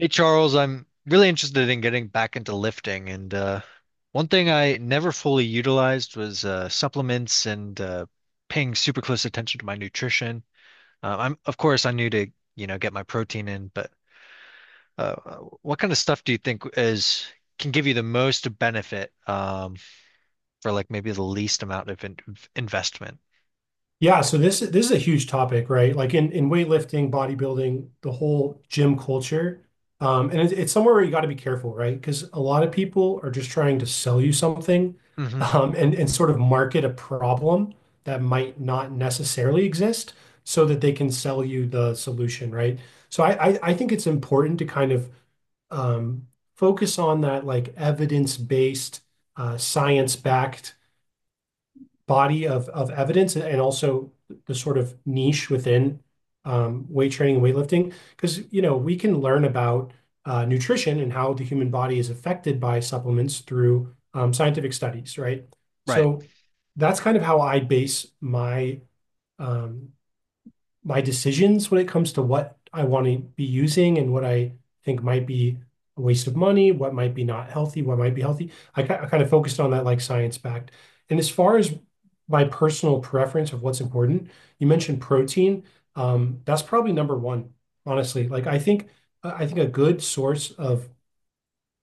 Hey Charles, I'm really interested in getting back into lifting, and one thing I never fully utilized was supplements and paying super close attention to my nutrition. I'm, of course, I knew to, get my protein in, but uh, what kind of stuff do you think is can give you the most benefit for like maybe the least amount of in of investment? Yeah, so this is a huge topic, right? Like in weightlifting, bodybuilding, the whole gym culture, and it's somewhere where you got to be careful, right? Because a lot of people are just trying to sell you something, Hmm. And sort of market a problem that might not necessarily exist, so that they can sell you the solution, right? So I think it's important to kind of um, focus on that like evidence-based, science-backed body of evidence and also the sort of niche within weight training and weightlifting. Because, you know, we can learn about nutrition and how the human body is affected by supplements through scientific studies, right? Right, So that's kind of how I base my um, my decisions when it comes to what I want to be using and what I think might be a waste of money, what might be not healthy, what might be healthy. I kind of focused on that like science-backed. And as far as my personal preference of what's important, you mentioned protein. That's probably number one, honestly. Like I think a good source of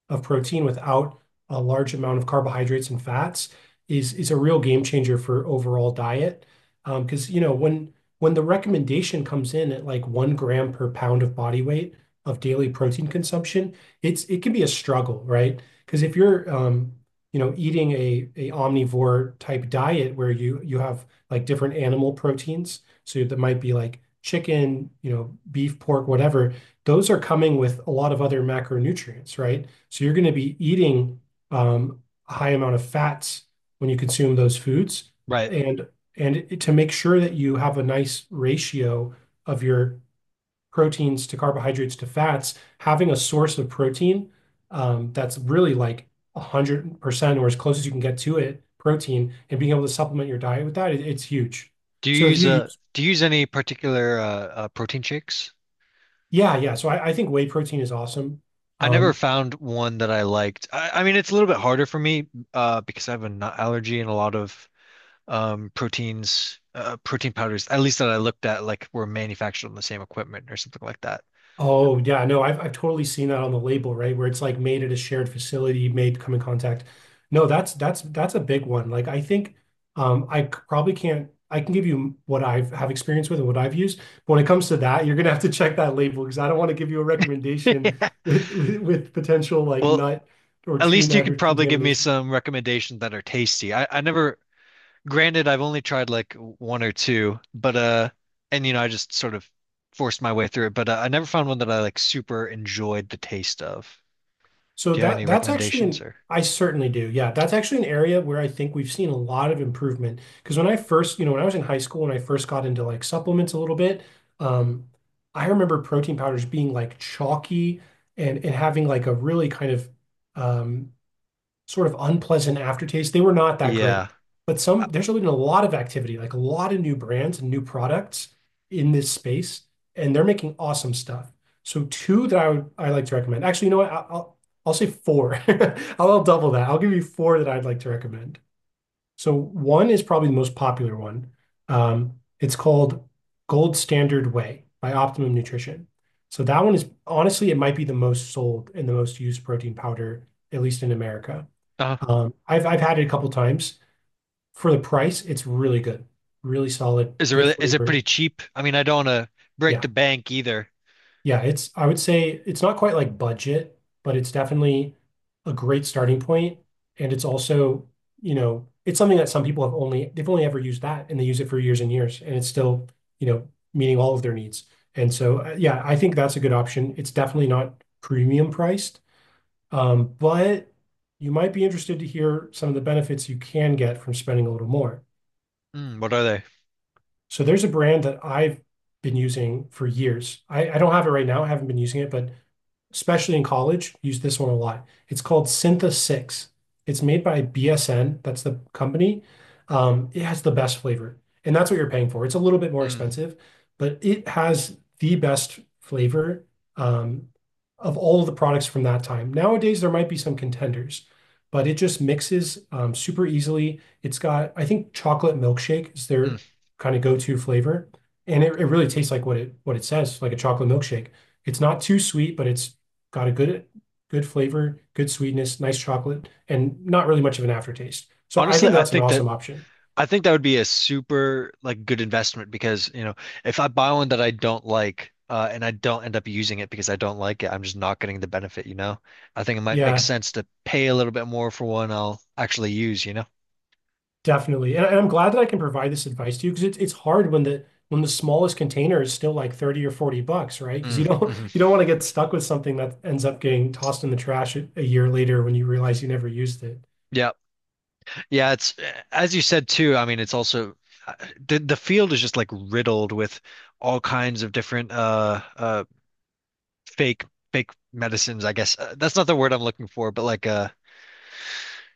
of protein without a large amount of carbohydrates and fats is a real game changer for overall diet. Because, you know, when the recommendation comes in at like 1 gram per pound of body weight of daily protein consumption, it can be a struggle, right? Because if you're, you know, eating a omnivore type diet where you have like different animal proteins, so that might be like chicken, you know, beef, pork, whatever, those are coming with a lot of other macronutrients, right? So you're going to be eating um, a high amount of fats when you consume those foods. right. And to make sure that you have a nice ratio of your proteins to carbohydrates to fats, having a source of protein that's really like 100% or as close as you can get to it, protein, and being able to supplement your diet with that, it's huge. Do So you if use you a use, do you use any particular protein shakes? yeah, yeah. So I think whey protein is awesome. I never Um, found one that I liked. I mean, it's a little bit harder for me because I have a nut allergy and a lot of protein powders, at least that I looked at, like were manufactured on the same equipment or something like that. Oh yeah, no, I've totally seen that on the label, right? Where it's like made at a shared facility, made come in contact. No, that's that's a big one. Like I think I c- probably can't I can give you what I've have experience with and what I've used. But when it comes to that, you're gonna have to check that label because I don't want to give you a recommendation with, with potential like Well, nut or at tree least you nut could or probably give me contamination. some recommendations that are tasty. I never, granted, I've only tried like one or two, but and I just sort of forced my way through it, but I never found one that I like super enjoyed the taste of. So Do you have any that that's actually recommendations an or? I certainly do. Yeah, that's actually an area where I think we've seen a lot of improvement. Because when I first, you know, when I was in high school and I first got into like supplements a little bit, um, I remember protein powders being like chalky and having like a really kind of um, sort of unpleasant aftertaste. They were not that great. Yeah. But some there's been a lot of activity, like a lot of new brands and new products in this space, and they're making awesome stuff. So two that I like to recommend. Actually, you know what? I- will I'll say four. I'll double that. I'll give you four that I'd like to recommend. So one is probably the most popular one. Um, it's called Gold Standard Whey by Optimum Nutrition. So that one is honestly, it might be the most sold and the most used protein powder, at least in America. Uh, I've had it a couple times. For the price, it's really good. Really solid, Is it really, good is it pretty flavor. cheap? I mean, I don't want to break the Yeah. bank either. Yeah, it's I would say it's not quite like budget, but it's definitely a great starting point. And it's also, you know, it's something that some people have only they've only ever used that and they use it for years and years and it's still, you know, meeting all of their needs. And so yeah, I think that's a good option. It's definitely not premium priced, but you might be interested to hear some of the benefits you can get from spending a little more. Mm, what are they? So there's a brand that I've been using for years. I don't have it right now. I haven't been using it, but especially in college, use this one a lot. It's called Syntha 6. It's made by BSN, that's the company. It has the best flavor, and that's what you're paying for. It's a little bit more Mm. expensive, but it has the best flavor um, of all of the products from that time. Nowadays, there might be some contenders, but it just mixes super easily. It's got, I think, chocolate milkshake is Mm. their kind of go-to flavor, and it really tastes like what it says, like a chocolate milkshake. It's not too sweet, but it's got a good flavor, good sweetness, nice chocolate, and not really much of an aftertaste. So I Honestly, think that's an awesome option. I think that would be a super like good investment because, you know, if I buy one that I don't like and I don't end up using it because I don't like it, I'm just not getting the benefit, you know? I think it might make Yeah, sense to pay a little bit more for one I'll actually use, you know? definitely. And I'm glad that I can provide this advice to you because it's hard when the smallest container is still like 30 or 40 bucks, right? Because Mm, you don't hmm you don't want to get stuck with something that ends up getting tossed in the trash a year later when you realize you never used it. Yeah. Yeah, it's as you said too, I mean, it's also uh, the field is just like riddled with all kinds of different fake fake medicines, I guess. That's not the word I'm looking for, but like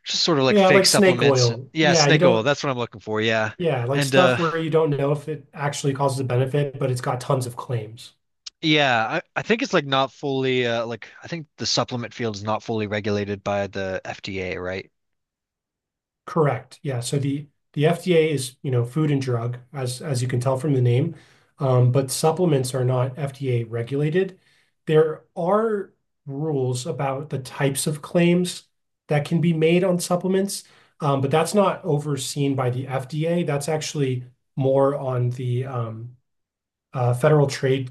just sort of like Yeah, fake like snake supplements and oil. yeah, Yeah, you snake oil, don't that's what I'm looking for. Yeah. yeah, like And stuff where you don't know if it actually causes a benefit, but it's got tons of claims. yeah, I think it's like not fully like I think the supplement field is not fully regulated by the FDA, right? Correct. Yeah. So the FDA is, you know, food and drug, as you can tell from the name. But supplements are not FDA regulated. There are rules about the types of claims that can be made on supplements, but that's not overseen by the FDA. That's actually more on the Federal Trade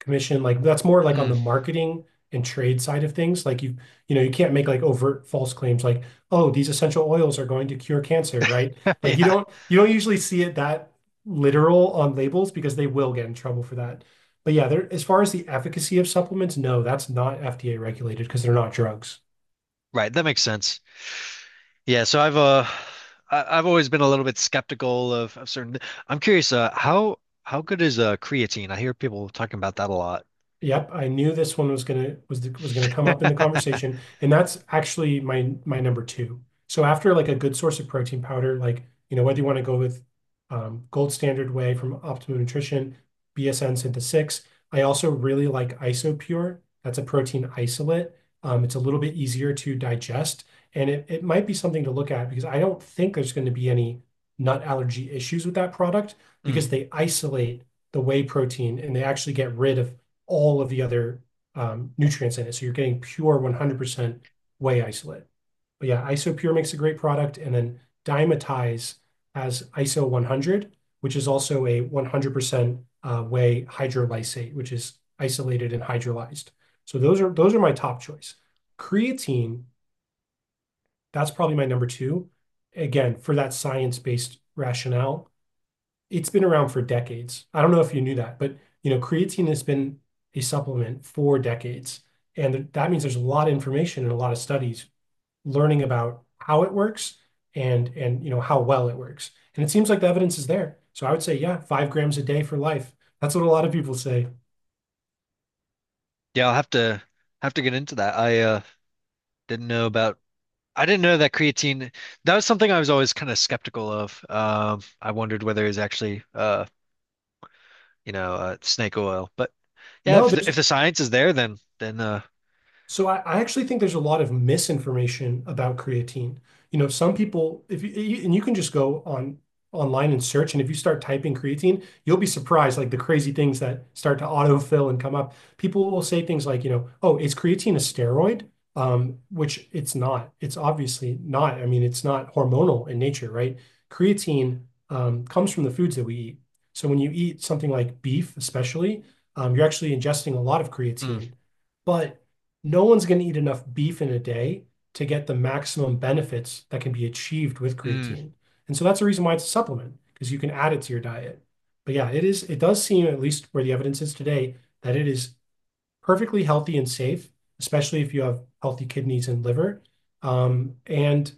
commission, like that's more like on Mm. the marketing and trade side of things. Like you know you can't make like overt false claims like oh, these essential oils are going to cure cancer, right? Like Yeah. You don't usually see it that literal on labels because they will get in trouble for that. But yeah, there as far as the efficacy of supplements, no, that's not FDA regulated because they're not drugs. Right, that makes sense. Yeah, so I've I've always been a little bit skeptical of certain I'm curious how good is creatine? I hear people talking about that a lot. Yep, I knew this one was was gonna come up in the conversation, and that's actually my number two. So after like a good source of protein powder, like you know whether you want to go with Gold Standard Whey from Optimum Nutrition, BSN Synth 6. I also really like IsoPure. That's a protein isolate. It's a little bit easier to digest, and it might be something to look at because I don't think there's going to be any nut allergy issues with that product Mm. because they isolate the whey protein and they actually get rid of all of the other nutrients in it. So you're getting pure 100% whey isolate. But yeah, Isopure makes a great product. And then Dymatize has ISO 100, which is also a 100% whey hydrolysate, which is isolated and hydrolyzed. So those are my top choice. Creatine, that's probably my number two. Again, for that science-based rationale, it's been around for decades. I don't know if you knew that, but you know, creatine has been a supplement for decades. And that means there's a lot of information and a lot of studies learning about how it works and you know how well it works. And it seems like the evidence is there. So I would say, yeah, 5 grams a day for life. That's what a lot of people say. Yeah, I'll have to get into that. I didn't know about I didn't know that creatine that was something I was always kind of skeptical of. I wondered whether it was actually snake oil. But yeah, No, there's if the science is there, then So I actually think there's a lot of misinformation about creatine. You know, some people, if you, you- and you can just go on online and search, and if you start typing creatine, you'll be surprised, like the crazy things that start to autofill and come up. People will say things like, you know, oh, is creatine a steroid? Which it's not. It's obviously not. I mean, it's not hormonal in nature, right? Creatine, comes from the foods that we eat. So when you eat something like beef, especially, you're actually ingesting a lot of mm, creatine. But no one's going to eat enough beef in a day to get the maximum benefits that can be achieved with mm, creatine. And so that's the reason why it's a supplement, because you can add it to your diet. But yeah, it is, it does seem, at least where the evidence is today, that it is perfectly healthy and safe, especially if you have healthy kidneys and liver. And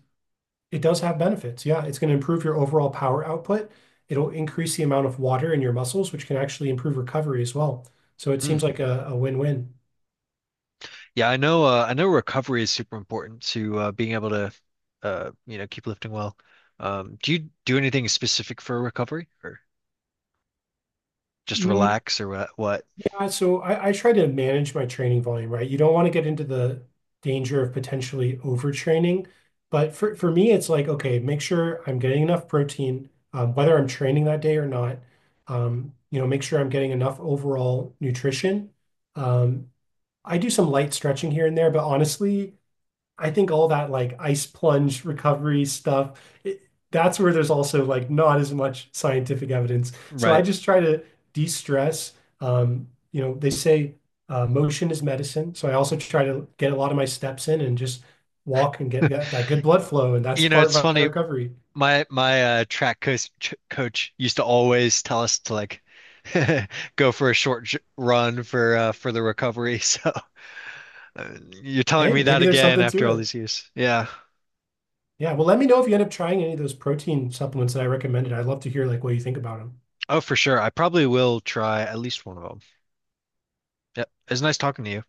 it does have benefits. Yeah, it's going to improve your overall power output. It'll increase the amount of water in your muscles, which can actually improve recovery as well. So it mm. seems like a win-win. Yeah, I know recovery is super important to being able to you know, keep lifting well. Do you do anything specific for recovery or just Mm, relax or what? yeah, so I try to manage my training volume, right? You don't want to get into the danger of potentially overtraining. But for me, it's like, okay, make sure I'm getting enough protein, whether I'm training that day or not. You know, make sure I'm getting enough overall nutrition. Um, I do some light stretching here and there, but honestly, I think all that like ice plunge recovery stuff, that's where there's also like not as much scientific evidence. So I Right. just try to de-stress. You know, they say motion is medicine. So I also try to get a lot of my steps in and just walk and get that good blood flow. And that's You know, part it's of my funny. recovery. My track coach ch coach used to always tell us to like go for a short j run for the recovery. So uh, you're telling Hey, me that maybe there's again something to after all it. these years. Yeah. Yeah. Well, let me know if you end up trying any of those protein supplements that I recommended. I'd love to hear like what you think about them. Oh, for sure. I probably will try at least one of them. Yep. It's nice talking to you.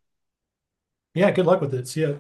Yeah. Good luck with it. See ya.